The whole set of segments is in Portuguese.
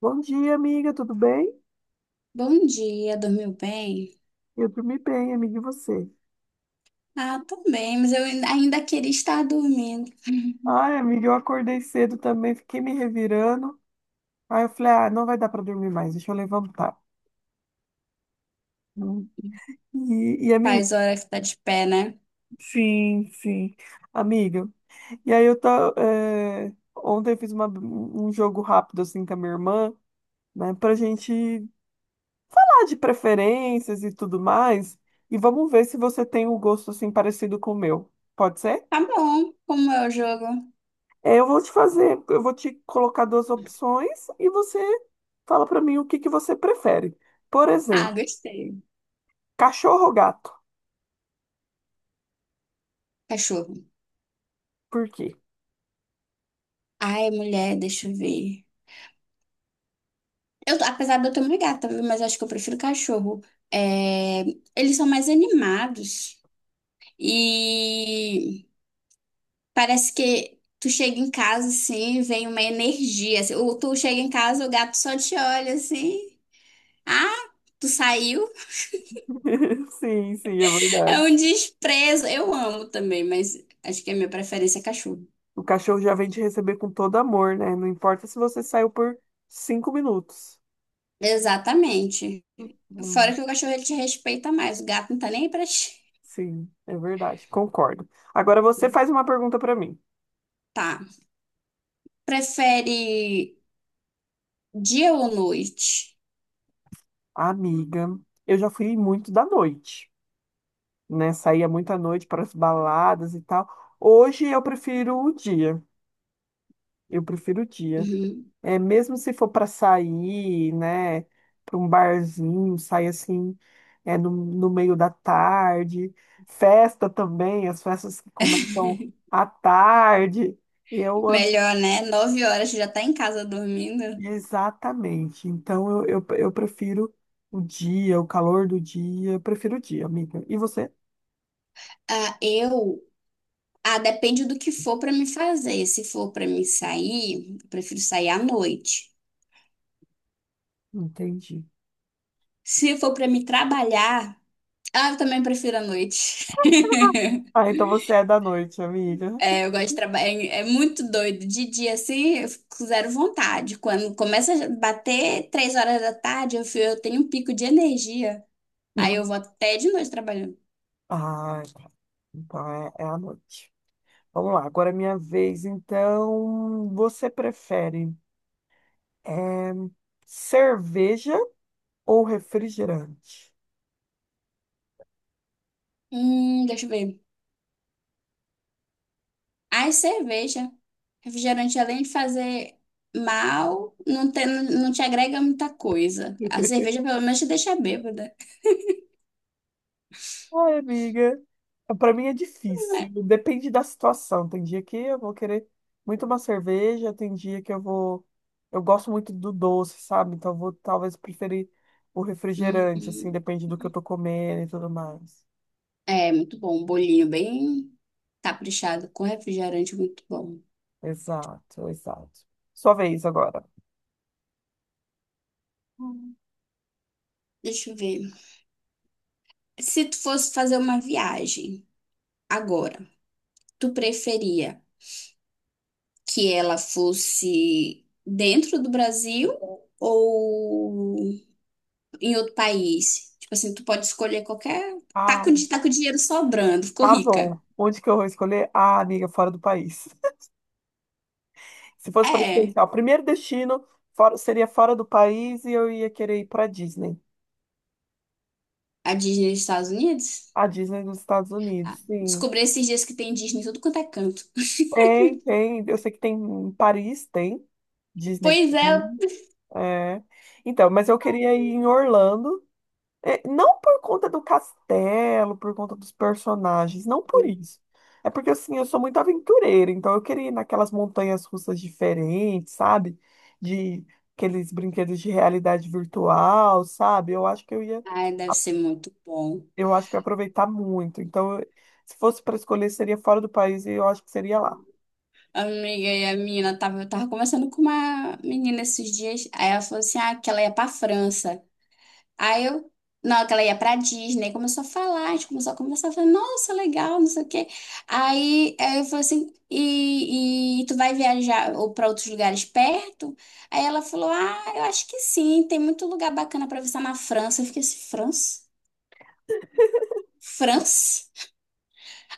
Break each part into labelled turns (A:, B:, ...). A: Bom dia, amiga, tudo bem?
B: Bom dia, dormiu bem?
A: Eu dormi bem, amiga, e você?
B: Ah, tô bem, mas eu ainda queria estar dormindo.
A: Ai, amiga, eu acordei cedo também, fiquei me revirando. Aí eu falei, ah, não vai dar para dormir mais, deixa eu levantar. Hum. E amiga,
B: Faz hora que tá de pé, né?
A: sim, sim, amiga. E aí ontem eu fiz um jogo rápido assim com a minha irmã, né, pra gente falar de preferências e tudo mais. E vamos ver se você tem um gosto assim parecido com o meu. Pode ser?
B: Tá bom, como é o jogo?
A: É, eu vou te fazer, eu vou te colocar duas opções e você fala pra mim o que que você prefere. Por
B: Ah,
A: exemplo,
B: gostei.
A: cachorro ou gato?
B: Cachorro.
A: Por quê?
B: Ai, mulher, deixa eu ver. Eu, apesar de eu ter uma gata, viu? Mas acho que eu prefiro cachorro. É, eles são mais animados e parece que tu chega em casa assim, vem uma energia. Assim, ou tu chega em casa, o gato só te olha assim. Ah, tu saiu?
A: Sim, sim, é
B: É
A: verdade.
B: um desprezo. Eu amo também, mas acho que a minha preferência é cachorro.
A: O cachorro já vem te receber com todo amor, né? Não importa se você saiu por 5 minutos.
B: Exatamente. Fora
A: Hum.
B: que o cachorro ele te respeita mais, o gato não tá nem aí pra ti.
A: Sim, é verdade, concordo. Agora você faz uma pergunta pra mim.
B: Tá. Prefere dia ou noite?
A: Amiga, eu já fui muito da noite, né? Saía muito à noite para as baladas e tal. Hoje eu prefiro o dia. Eu prefiro o dia.
B: Uhum.
A: É, mesmo se for para sair, né, para um barzinho, sair assim, no meio da tarde. Festa também, as festas que começam à tarde. E eu ando
B: Melhor, né? 9h você já tá em casa dormindo.
A: exatamente. Então eu prefiro o dia, o calor do dia. Eu prefiro o dia, amiga. E você?
B: Ah, eu. Ah, depende do que for pra me fazer. Se for pra me sair, eu prefiro sair à noite.
A: Entendi.
B: Se for pra me trabalhar, ah, eu também prefiro à noite.
A: Ah, então você é da noite, amiga.
B: É, eu gosto de trabalhar. É, é muito doido. De dia, assim, eu fico com zero vontade. Quando começa a bater 3h da tarde, eu tenho um pico de energia. Aí eu vou até de noite trabalhando.
A: Ah, então é a noite. Vamos lá, agora é minha vez. Então, você prefere eh, cerveja ou refrigerante?
B: Deixa eu ver. Ai, cerveja. Refrigerante, além de fazer mal, não te agrega muita coisa. A cerveja, pelo menos, te deixa bêbada.
A: Ai, amiga, para mim é difícil. Depende da situação. Tem dia que eu vou querer muito uma cerveja, tem dia que eu vou. Eu gosto muito do doce, sabe? Então, eu vou talvez preferir o refrigerante, assim,
B: Hum,
A: depende do que eu tô comendo e tudo mais.
B: é, muito bom. Um bolinho bem caprichado com refrigerante, muito bom.
A: Exato, exato. Sua vez agora.
B: Hum. Deixa eu ver. Se tu fosse fazer uma viagem agora, tu preferia que ela fosse dentro do Brasil ou em outro país? Tipo assim, tu pode escolher qualquer. Tá
A: Ah,
B: com, di- tá com dinheiro sobrando, ficou
A: tá
B: rica.
A: bom. Onde que eu vou escolher? Ah, amiga, fora do país. Se fosse para escolher, assim,
B: É,
A: ó, o primeiro destino seria fora do país e eu ia querer ir para Disney.
B: a Disney dos Estados Unidos?
A: A Disney nos Estados
B: Ah,
A: Unidos, sim.
B: descobri esses dias que tem Disney em tudo quanto é canto.
A: Tem, tem. Eu sei que tem em Paris, tem. Disney.
B: Pois é.
A: Tem. É. Então, mas eu queria ir em Orlando. É, não por conta do castelo, por conta dos personagens, não por isso. É porque, assim, eu sou muito aventureira, então eu queria ir naquelas montanhas russas diferentes, sabe? De aqueles brinquedos de realidade virtual, sabe?
B: Ai, deve ser muito bom.
A: Eu acho que eu ia aproveitar muito. Então, eu- se fosse para escolher, seria fora do país e eu acho que seria lá.
B: Amiga, e a menina tava, eu tava conversando com uma menina esses dias. Aí ela falou assim: ah, que ela ia pra França. Aí eu, na hora que ela ia pra Disney, começou a falar, a gente começou a conversar, eu falei, nossa, legal, não sei o quê. Aí eu falei assim, e tu vai viajar ou pra outros lugares perto? Aí ela falou, ah, eu acho que sim, tem muito lugar bacana pra visitar na França. Eu fiquei assim, França? França?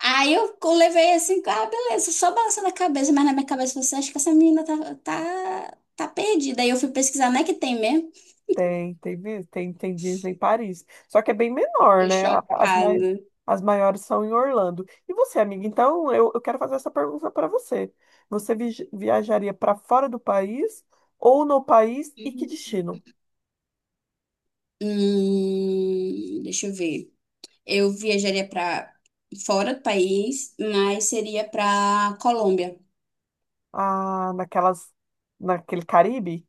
B: Levei assim, ah, beleza, só balançando a cabeça, mas na minha cabeça você acha que essa menina tá, tá perdida. Aí eu fui pesquisar, não é que tem mesmo?
A: Tem Disney em Paris. Só que é bem menor,
B: Fiquei
A: né?
B: chocada.
A: As maiores são em Orlando. E você, amiga? Então, eu quero fazer essa pergunta para você. Você viajaria para fora do país ou no país e que destino?
B: Deixa eu ver. Eu viajaria para fora do país, mas seria para Colômbia.
A: Ah, naquele Caribe?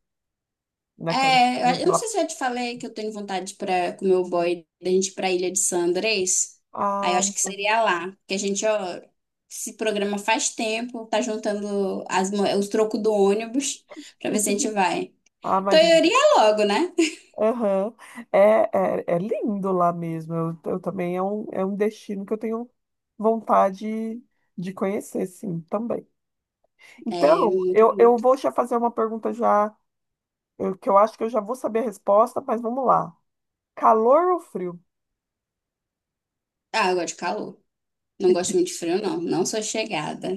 A: Naquela,
B: É, eu não
A: naquela...
B: sei se eu já te falei que eu tenho vontade para com meu boy da gente ir para a Ilha de San Andrés. Aí eu
A: Ah,
B: acho que seria lá, que a gente ó, se programa faz tempo, tá juntando os trocos do ônibus para ver se a gente vai.
A: ah,
B: Então
A: mas
B: eu iria logo, né?
A: aham. É, é, lindo lá mesmo. Eu também é um destino que eu tenho vontade de conhecer, sim, também.
B: É
A: Então,
B: muito
A: eu
B: bonito.
A: vou já fazer uma pergunta já, que eu acho que eu já vou saber a resposta, mas vamos lá. Calor ou frio?
B: Ah, eu gosto de calor. Não gosto muito de frio, não. Não sou chegada.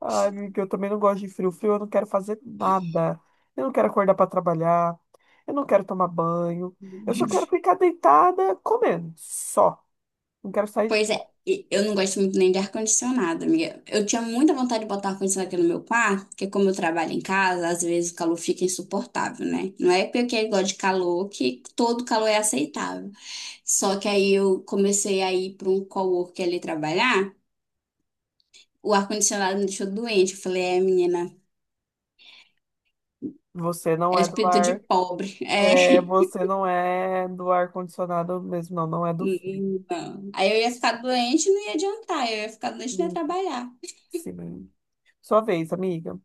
A: Ai, amiga, eu também não gosto de frio. Frio eu não quero fazer nada. Eu não quero acordar para trabalhar. Eu não quero tomar banho. Eu só quero ficar deitada comendo, só. Não quero sair de...
B: Pois é, e eu não gosto muito nem de ar-condicionado, amiga. Eu tinha muita vontade de botar ar-condicionado aqui no meu quarto, porque como eu trabalho em casa, às vezes o calor fica insuportável, né? Não é porque eu gosto de calor que todo calor é aceitável. Só que aí eu comecei a ir para um coworker ali trabalhar, o ar-condicionado me deixou doente. Eu falei, é, menina,
A: Você não
B: é
A: é do
B: espírito de
A: ar,
B: pobre. É,
A: é, você não é do ar condicionado mesmo, não, não é do frio.
B: não. Aí eu ia ficar doente e não ia adiantar, eu ia ficar doente e não ia
A: Hum.
B: trabalhar.
A: Sim. Sua vez, amiga.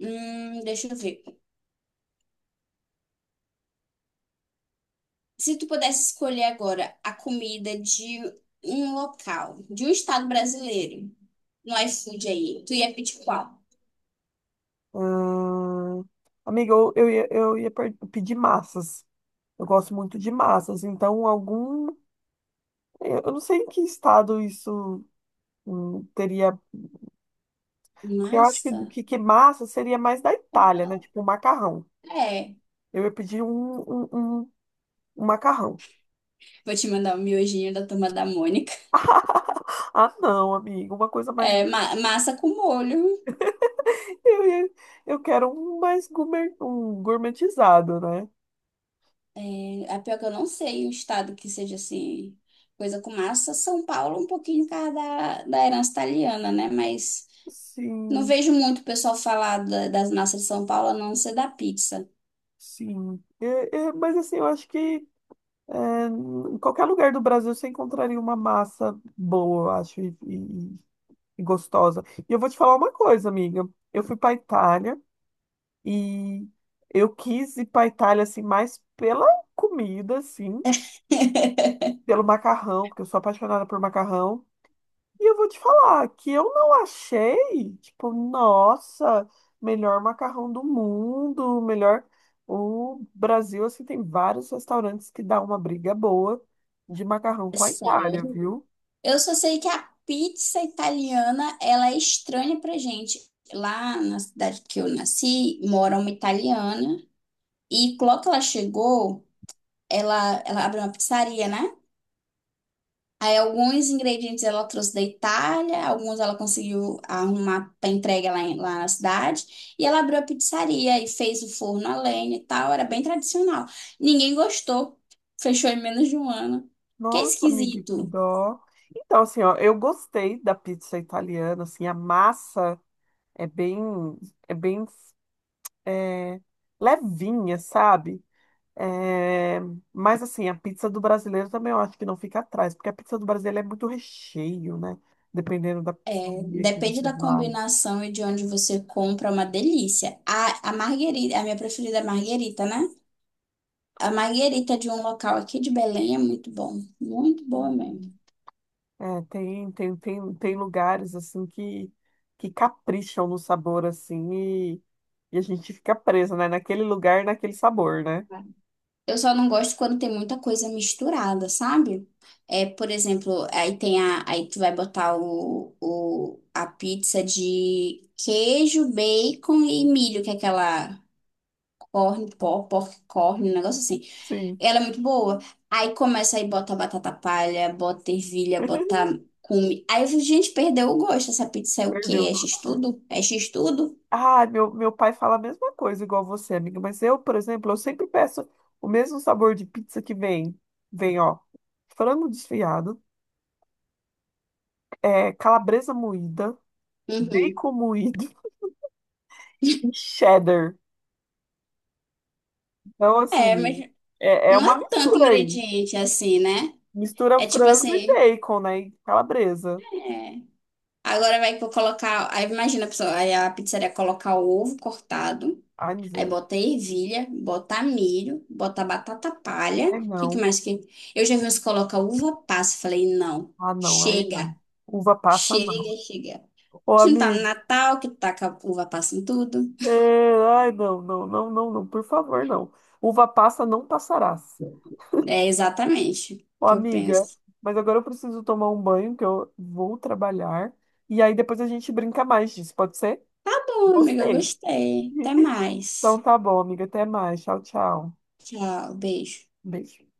B: Deixa eu ver. Se tu pudesse escolher agora a comida de um local, de um estado brasileiro, no iFood aí, tu ia pedir qual?
A: Hum, amiga, eu ia pedir massas. Eu gosto muito de massas, então algum. Eu não sei em que estado isso teria. Porque eu acho
B: Massa?
A: que massa seria mais da Itália, né?
B: Qual?
A: Tipo um macarrão.
B: É.
A: Eu ia pedir um- um macarrão.
B: Vou te mandar o miojinho da turma da Mônica.
A: Ah, não, amigo, uma coisa mais.
B: É, massa com molho.
A: Eu, ia- eu quero um mais gourmet, um gourmetizado, né?
B: É, a pior que eu não sei um estado que seja assim, coisa com massa. São Paulo, um pouquinho por causa da herança italiana, né? Mas não
A: Sim,
B: vejo muito o pessoal falar das massas de São Paulo, a não ser da pizza.
A: sim. É, mas assim, eu acho que. É, em qualquer lugar do Brasil você encontraria uma massa boa, eu acho, e gostosa. E eu vou te falar uma coisa, amiga. Eu fui para Itália e eu quis ir para Itália assim mais pela comida, assim, pelo macarrão, porque eu sou apaixonada por macarrão. E eu vou te falar que eu não achei, tipo, nossa, melhor macarrão do mundo, melhor. O Brasil, assim, tem vários restaurantes que dá uma briga boa de macarrão com a Itália,
B: Sério?
A: viu?
B: Eu só sei que a pizza italiana, ela é estranha pra gente. Lá na cidade que eu nasci, mora uma italiana e logo que ela chegou, ela abriu uma pizzaria, né? Aí alguns ingredientes ela trouxe da Itália, alguns ela conseguiu arrumar para entrega lá, lá na cidade. E ela abriu a pizzaria e fez o forno a lenha e tal, era bem tradicional. Ninguém gostou, fechou em menos de um ano. Que é
A: Nossa, amiga, que
B: esquisito.
A: dó. Então, assim, ó, eu gostei da pizza italiana, assim, a massa é bem, é bem, é, levinha, sabe? É, mas assim, a pizza do brasileiro também eu acho que não fica atrás, porque a pizza do brasileiro é muito recheio, né? Dependendo da
B: É,
A: pizzaria que
B: depende
A: você
B: da
A: vai.
B: combinação e de onde você compra, é uma delícia. A marguerita, a minha preferida é a marguerita, né? A marguerita de um local aqui de Belém é muito bom. Muito boa mesmo.
A: Uhum. É, tem lugares assim que capricham no sabor assim e a gente fica preso, né? Naquele lugar, naquele sabor, né?
B: Eu só não gosto quando tem muita coisa misturada, sabe? É, por exemplo, aí tem a, aí tu vai botar a pizza de queijo, bacon e milho, que é aquela pork corn, um negócio assim.
A: Sim,
B: Ela é muito boa. Aí começa aí, bota batata palha, bota ervilha, bota cume. Aí eu fico, gente, perdeu o gosto. Essa pizza é o quê?
A: perdeu.
B: É x-tudo? É x-tudo?
A: Ah, meu pai fala a mesma coisa, igual você, amiga. Mas eu, por exemplo, eu sempre peço o mesmo sabor de pizza que vem. Vem, ó, frango desfiado, é, calabresa moída,
B: Uhum.
A: bacon moído e cheddar. Então,
B: É, mas
A: assim, é
B: não é
A: uma
B: tanto
A: mistura aí.
B: ingrediente assim, né?
A: Mistura
B: É tipo
A: frango e
B: assim,
A: bacon, né? E calabresa.
B: é. Agora vai colocar. Aí imagina a pessoa, aí a pizzaria colocar o ovo cortado,
A: Ai,
B: aí
A: misericórdia.
B: bota ervilha, bota milho, bota batata palha. O
A: Ai,
B: que, que
A: não.
B: mais que. Eu já vi uns colocar uva passa. Falei, não,
A: Ah, não, aí não.
B: chega.
A: Uva passa, não.
B: Chega, chega.
A: Ô,
B: A gente tá no
A: amigo.
B: Natal, que tá com a uva passa em tudo.
A: É, ai, não, não, não, não, não. Por favor, não. Uva passa não passará.
B: É exatamente o
A: Ô,
B: que eu
A: amiga,
B: penso.
A: mas agora eu preciso tomar um banho, que eu vou trabalhar. E aí depois a gente brinca mais disso, pode ser?
B: Tá bom, amiga, eu
A: Gostei.
B: gostei. Até
A: Então
B: mais.
A: tá bom, amiga. Até mais. Tchau, tchau.
B: Tchau, beijo.
A: Beijo.